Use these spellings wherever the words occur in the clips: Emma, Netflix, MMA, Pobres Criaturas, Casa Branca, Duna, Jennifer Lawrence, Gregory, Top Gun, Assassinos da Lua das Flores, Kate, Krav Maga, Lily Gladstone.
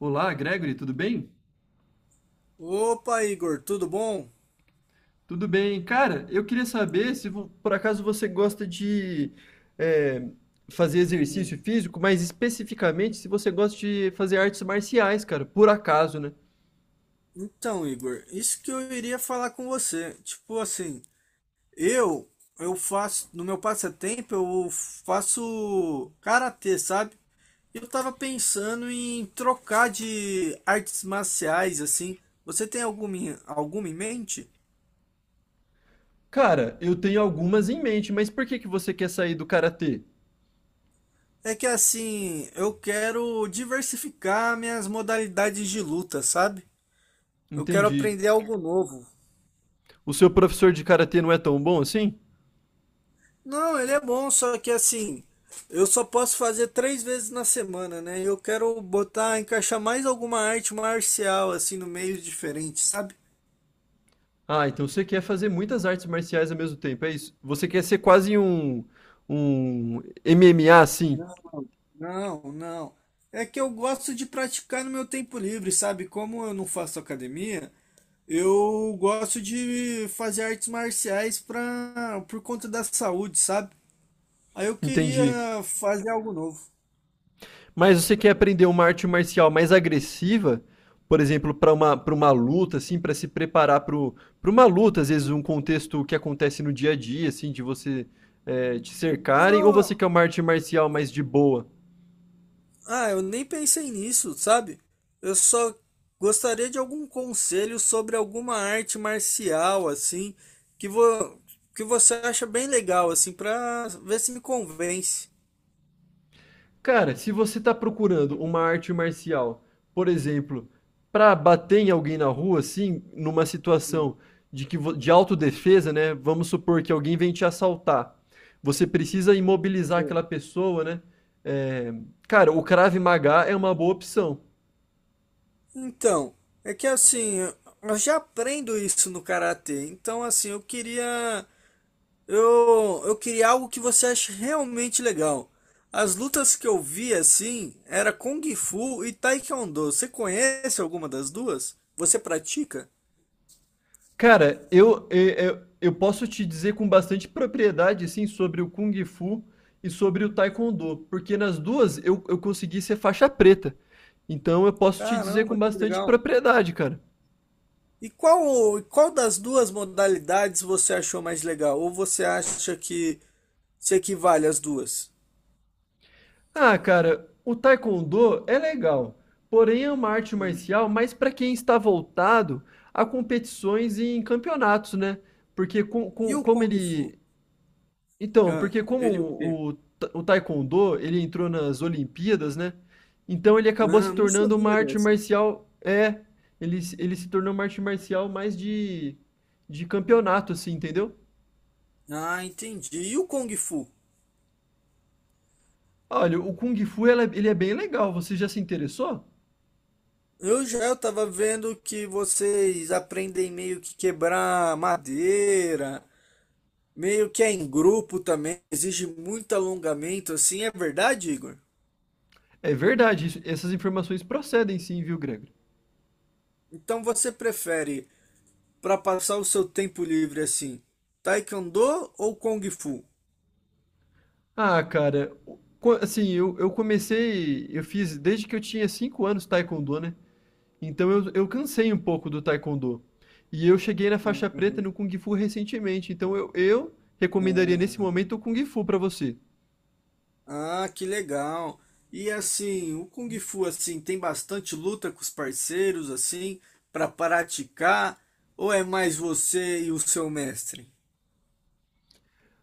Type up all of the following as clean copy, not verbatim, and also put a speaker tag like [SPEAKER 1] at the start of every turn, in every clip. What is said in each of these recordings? [SPEAKER 1] Olá, Gregory, tudo bem?
[SPEAKER 2] Opa, Igor, tudo bom?
[SPEAKER 1] Tudo bem. Cara, eu queria saber se por acaso você gosta de é, fazer exercício
[SPEAKER 2] Hum.
[SPEAKER 1] físico, mas especificamente se você gosta de fazer artes marciais, cara, por acaso, né?
[SPEAKER 2] Então, Igor, isso que eu iria falar com você. Tipo assim, eu eu faço no meu passatempo eu faço karatê, sabe? Eu tava pensando em trocar de artes marciais assim. Você tem alguma em mente?
[SPEAKER 1] Cara, eu tenho algumas em mente, mas por que que você quer sair do karatê?
[SPEAKER 2] É que assim, eu quero diversificar minhas modalidades de luta, sabe? Eu quero
[SPEAKER 1] Entendi.
[SPEAKER 2] aprender algo novo.
[SPEAKER 1] O seu professor de karatê não é tão bom assim?
[SPEAKER 2] Não, ele é bom, só que assim, eu só posso fazer três vezes na semana, né? Eu quero botar, encaixar mais alguma arte marcial, assim, no meio diferente, sabe?
[SPEAKER 1] Ah, então você quer fazer muitas artes marciais ao mesmo tempo, é isso? Você quer ser quase um MMA, assim?
[SPEAKER 2] Não, não, não. É que eu gosto de praticar no meu tempo livre, sabe? Como eu não faço academia, eu gosto de fazer artes marciais pra, por conta da saúde, sabe? Aí eu
[SPEAKER 1] Entendi.
[SPEAKER 2] queria fazer algo novo.
[SPEAKER 1] Mas você quer aprender uma arte marcial mais agressiva, por exemplo, para uma luta, assim, para se preparar para uma luta, às vezes um contexto que acontece no dia a dia, assim, de você te cercarem, ou você
[SPEAKER 2] Não,
[SPEAKER 1] quer uma arte marcial mais de boa?
[SPEAKER 2] ah, eu nem pensei nisso, sabe? Eu só gostaria de algum conselho sobre alguma arte marcial, assim, que, vo... que você acha bem legal, assim, pra ver se me convence.
[SPEAKER 1] Cara, se você está procurando uma arte marcial, por exemplo, para bater em alguém na rua, assim, numa
[SPEAKER 2] Hum,
[SPEAKER 1] situação de de autodefesa, né? Vamos supor que alguém vem te assaltar. Você precisa imobilizar
[SPEAKER 2] sei.
[SPEAKER 1] aquela pessoa, né? É, cara, o Krav Maga é uma boa opção.
[SPEAKER 2] Então, é que assim, eu já aprendo isso no karatê, então assim, eu queria algo que você ache realmente legal. As lutas que eu vi assim era Kung Fu e Taekwondo. Você conhece alguma das duas? Você pratica?
[SPEAKER 1] Cara, eu posso te dizer com bastante propriedade, assim, sobre o Kung Fu e sobre o Taekwondo, porque nas duas eu consegui ser faixa preta. Então eu posso te dizer com
[SPEAKER 2] Caramba, que
[SPEAKER 1] bastante
[SPEAKER 2] legal.
[SPEAKER 1] propriedade, cara.
[SPEAKER 2] E qual das duas modalidades você achou mais legal? Ou você acha que se equivale às duas?
[SPEAKER 1] Ah, cara, o Taekwondo é legal, porém é uma arte
[SPEAKER 2] Hum.
[SPEAKER 1] marcial mais para quem está voltado a competições e em campeonatos, né? Porque
[SPEAKER 2] E
[SPEAKER 1] com-
[SPEAKER 2] o
[SPEAKER 1] como
[SPEAKER 2] Kung Fu?
[SPEAKER 1] ele, Então,
[SPEAKER 2] Ah,
[SPEAKER 1] porque
[SPEAKER 2] ele o quê?
[SPEAKER 1] o Taekwondo, ele entrou nas Olimpíadas, né? Então ele acabou se
[SPEAKER 2] Ah, não
[SPEAKER 1] tornando uma
[SPEAKER 2] sabia
[SPEAKER 1] arte
[SPEAKER 2] dessa.
[SPEAKER 1] marcial, ele se tornou uma arte marcial mais de campeonato, assim, entendeu?
[SPEAKER 2] Ah, entendi. E o Kung Fu?
[SPEAKER 1] Olha, o Kung Fu, ele é bem legal, você já se interessou?
[SPEAKER 2] Eu tava vendo que vocês aprendem meio que quebrar madeira, meio que é em grupo também, exige muito alongamento, assim, é verdade, Igor?
[SPEAKER 1] É verdade, essas informações procedem sim, viu, Gregory?
[SPEAKER 2] Então você prefere para passar o seu tempo livre assim, Taekwondo ou Kung Fu?
[SPEAKER 1] Ah, cara, eu comecei, eu fiz desde que eu tinha 5 anos Taekwondo, né? Então eu cansei um pouco do Taekwondo. E eu cheguei na faixa preta
[SPEAKER 2] Uhum.
[SPEAKER 1] no Kung Fu recentemente, então eu recomendaria nesse
[SPEAKER 2] Ah,
[SPEAKER 1] momento o Kung Fu pra você.
[SPEAKER 2] ah, que legal. E assim, o Kung Fu assim tem bastante luta com os parceiros assim para praticar ou é mais você e o seu mestre?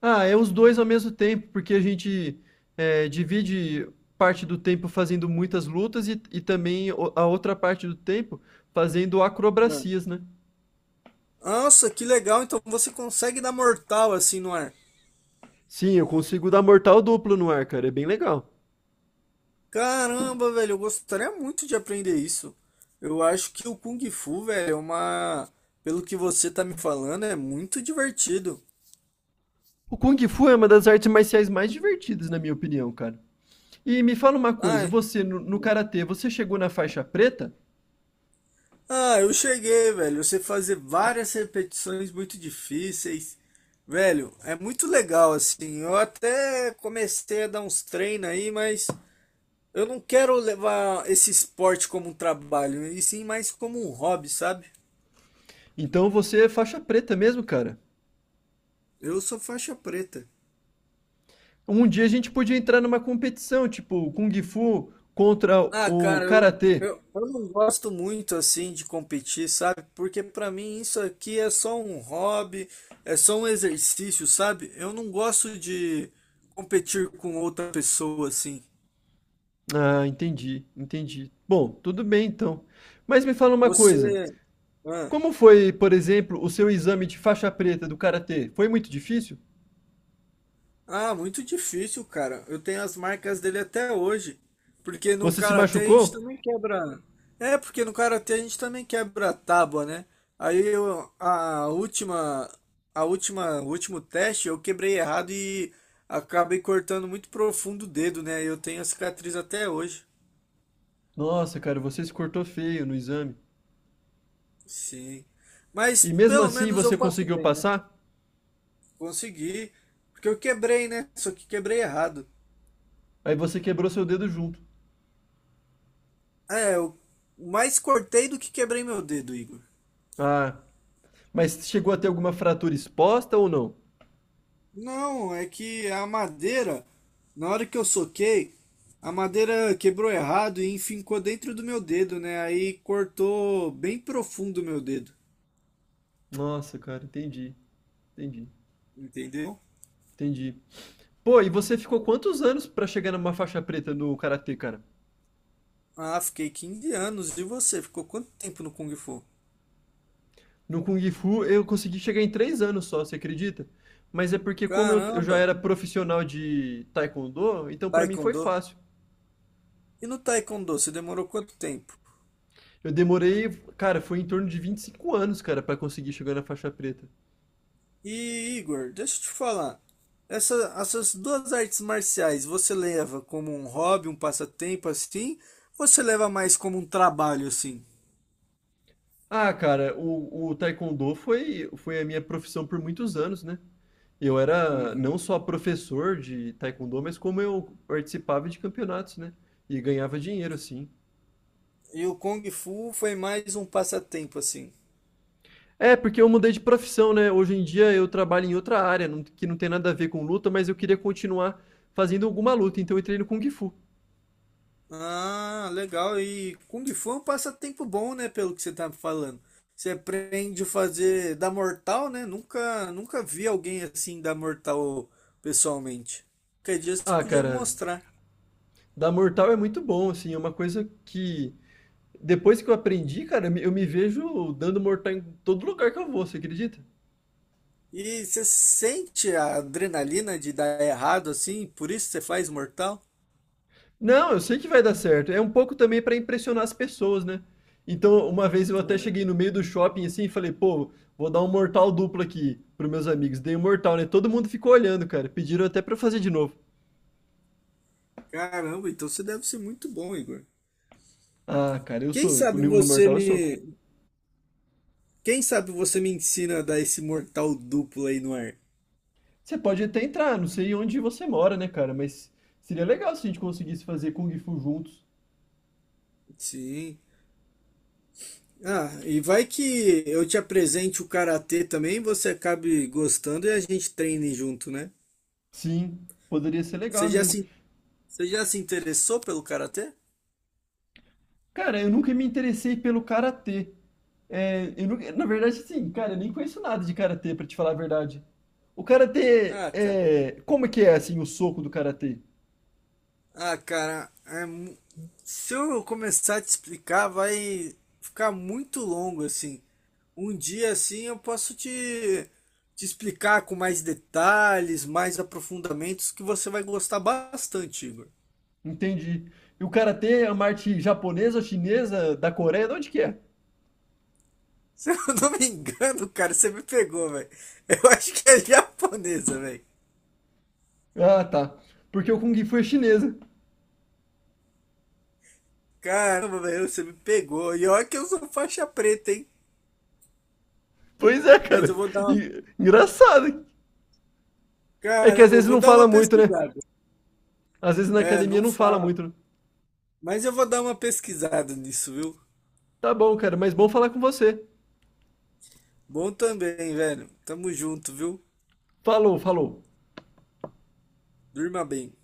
[SPEAKER 1] Ah, é os dois ao mesmo tempo, porque a gente divide parte do tempo fazendo muitas lutas e também a outra parte do tempo fazendo acrobacias, né?
[SPEAKER 2] Nossa, que legal. Então você consegue dar mortal assim no ar.
[SPEAKER 1] Sim, eu consigo dar mortal duplo no ar, cara, é bem legal.
[SPEAKER 2] Caramba, velho, eu gostaria muito de aprender isso. Eu acho que o Kung Fu, velho, é uma. Pelo que você tá me falando, é muito divertido.
[SPEAKER 1] O Kung Fu é uma das artes marciais mais divertidas, na minha opinião, cara. E me fala uma coisa,
[SPEAKER 2] Ah,
[SPEAKER 1] você no karatê, você chegou na faixa preta?
[SPEAKER 2] ah, eu cheguei, velho. Você fazer várias repetições muito difíceis. Velho, é muito legal, assim. Eu até comecei a dar uns treinos aí, mas eu não quero levar esse esporte como um trabalho, e sim mais como um hobby, sabe?
[SPEAKER 1] Então você é faixa preta mesmo, cara.
[SPEAKER 2] Eu sou faixa preta.
[SPEAKER 1] Um dia a gente podia entrar numa competição, tipo Kung Fu contra
[SPEAKER 2] Ah,
[SPEAKER 1] o
[SPEAKER 2] cara, eu,
[SPEAKER 1] Karatê.
[SPEAKER 2] eu, eu não gosto muito assim de competir, sabe? Porque pra mim isso aqui é só um hobby, é só um exercício, sabe? Eu não gosto de competir com outra pessoa assim.
[SPEAKER 1] Ah, entendi, entendi. Bom, tudo bem então. Mas me fala uma
[SPEAKER 2] Você.
[SPEAKER 1] coisa.
[SPEAKER 2] Ah.
[SPEAKER 1] Como foi, por exemplo, o seu exame de faixa preta do Karatê? Foi muito difícil?
[SPEAKER 2] Ah, muito difícil, cara. Eu tenho as marcas dele até hoje. Porque no
[SPEAKER 1] Você se
[SPEAKER 2] karatê a gente
[SPEAKER 1] machucou?
[SPEAKER 2] também quebra. É, porque no karatê a gente também quebra a tábua, né? Aí eu, o último teste eu quebrei errado e acabei cortando muito profundo o dedo, né? Eu tenho a cicatriz até hoje.
[SPEAKER 1] Nossa, cara, você se cortou feio no exame.
[SPEAKER 2] Sim.
[SPEAKER 1] E
[SPEAKER 2] Mas
[SPEAKER 1] mesmo
[SPEAKER 2] pelo
[SPEAKER 1] assim
[SPEAKER 2] menos eu
[SPEAKER 1] você
[SPEAKER 2] passo
[SPEAKER 1] conseguiu
[SPEAKER 2] bem, né?
[SPEAKER 1] passar?
[SPEAKER 2] Consegui. Porque eu quebrei, né? Só que quebrei errado.
[SPEAKER 1] Aí você quebrou seu dedo junto.
[SPEAKER 2] É, eu mais cortei do que quebrei meu dedo, Igor.
[SPEAKER 1] Ah, mas chegou a ter alguma fratura exposta ou não?
[SPEAKER 2] Não, é que a madeira, na hora que eu soquei, a madeira quebrou errado e enfincou dentro do meu dedo, né? Aí cortou bem profundo o meu dedo,
[SPEAKER 1] Nossa, cara, entendi. Entendi,
[SPEAKER 2] entendeu?
[SPEAKER 1] entendi. Pô, e você ficou quantos anos pra chegar numa faixa preta no karatê, cara?
[SPEAKER 2] Ah, fiquei 15 anos. E você? Ficou quanto tempo no Kung Fu?
[SPEAKER 1] No Kung Fu eu consegui chegar em 3 anos só, você acredita? Mas é porque como eu já
[SPEAKER 2] Caramba!
[SPEAKER 1] era profissional de taekwondo, então pra mim foi
[SPEAKER 2] Taekwondo?
[SPEAKER 1] fácil.
[SPEAKER 2] E no Taekwondo, você demorou quanto tempo?
[SPEAKER 1] Eu demorei, cara, foi em torno de 25 anos, cara, pra conseguir chegar na faixa preta.
[SPEAKER 2] E Igor, deixa eu te falar. Essa, essas duas artes marciais, você leva como um hobby, um passatempo assim? Ou você leva mais como um trabalho assim?
[SPEAKER 1] Ah, cara, o taekwondo foi a minha profissão por muitos anos, né? Eu era não
[SPEAKER 2] Uhum.
[SPEAKER 1] só professor de taekwondo, mas como eu participava de campeonatos, né? E ganhava dinheiro, assim.
[SPEAKER 2] E o Kung Fu foi mais um passatempo, assim.
[SPEAKER 1] É, porque eu mudei de profissão, né? Hoje em dia eu trabalho em outra área, que não tem nada a ver com luta, mas eu queria continuar fazendo alguma luta, então eu entrei no Kung Fu.
[SPEAKER 2] Ah, legal. E Kung Fu é um passatempo bom, né? Pelo que você tá falando. Você aprende a fazer dar mortal, né? Nunca, nunca vi alguém assim dar mortal pessoalmente. Qualquer dia você
[SPEAKER 1] Ah,
[SPEAKER 2] podia me
[SPEAKER 1] cara,
[SPEAKER 2] mostrar.
[SPEAKER 1] dar mortal é muito bom, assim, é uma coisa que depois que eu aprendi, cara, eu me vejo dando mortal em todo lugar que eu vou, você acredita?
[SPEAKER 2] E você sente a adrenalina de dar errado assim? Por isso você faz mortal?
[SPEAKER 1] Não, eu sei que vai dar certo. É um pouco também pra impressionar as pessoas, né? Então, uma vez eu até cheguei no meio do shopping assim e falei, pô, vou dar um mortal duplo aqui pros meus amigos. Dei um mortal, né? Todo mundo ficou olhando, cara. Pediram até pra eu fazer de novo.
[SPEAKER 2] Caramba, então você deve ser muito bom, Igor.
[SPEAKER 1] Ah, cara, eu
[SPEAKER 2] Quem
[SPEAKER 1] sou.
[SPEAKER 2] sabe
[SPEAKER 1] No
[SPEAKER 2] você
[SPEAKER 1] Mortal eu sou.
[SPEAKER 2] me, Quem sabe você me ensina a dar esse mortal duplo aí no ar?
[SPEAKER 1] Você pode até entrar, não sei onde você mora, né, cara? Mas seria legal se a gente conseguisse fazer Kung Fu juntos.
[SPEAKER 2] Sim. Ah, e vai que eu te apresente o karatê também, você acabe gostando e a gente treine junto, né?
[SPEAKER 1] Sim, poderia ser legal
[SPEAKER 2] Você já
[SPEAKER 1] mesmo.
[SPEAKER 2] se, Você já se interessou pelo karatê?
[SPEAKER 1] Cara, eu nunca me interessei pelo karatê. É, eu na verdade, sim, cara, eu nem conheço nada de karatê, pra te falar a verdade. O karatê
[SPEAKER 2] Ah, cara.
[SPEAKER 1] é. Como é que é, assim, o soco do karatê?
[SPEAKER 2] Ah, cara, se eu começar a te explicar, vai ficar muito longo assim. Um dia assim eu posso te explicar com mais detalhes, mais aprofundamentos que você vai gostar bastante, Igor.
[SPEAKER 1] Entendi. E o karatê é uma arte japonesa, chinesa, da Coreia? De onde que é?
[SPEAKER 2] Se eu não me engano, cara, você me pegou, velho. Eu acho que é japonesa, velho.
[SPEAKER 1] Ah, tá. Porque o Kung Fu é chinesa.
[SPEAKER 2] Caramba, velho, você me pegou. E olha que eu sou faixa preta, hein?
[SPEAKER 1] Pois é,
[SPEAKER 2] Mas eu
[SPEAKER 1] cara.
[SPEAKER 2] vou dar uma...
[SPEAKER 1] Engraçado. Hein? É que às
[SPEAKER 2] Caramba, eu
[SPEAKER 1] vezes
[SPEAKER 2] vou
[SPEAKER 1] não
[SPEAKER 2] dar uma
[SPEAKER 1] fala muito, né?
[SPEAKER 2] pesquisada.
[SPEAKER 1] Às vezes na
[SPEAKER 2] É,
[SPEAKER 1] academia
[SPEAKER 2] não
[SPEAKER 1] não fala
[SPEAKER 2] fala.
[SPEAKER 1] muito. Né?
[SPEAKER 2] Mas eu vou dar uma pesquisada nisso, viu?
[SPEAKER 1] Tá bom, cara, mas bom falar com você.
[SPEAKER 2] Bom também, velho. Tamo junto, viu?
[SPEAKER 1] Falou, falou.
[SPEAKER 2] Durma bem.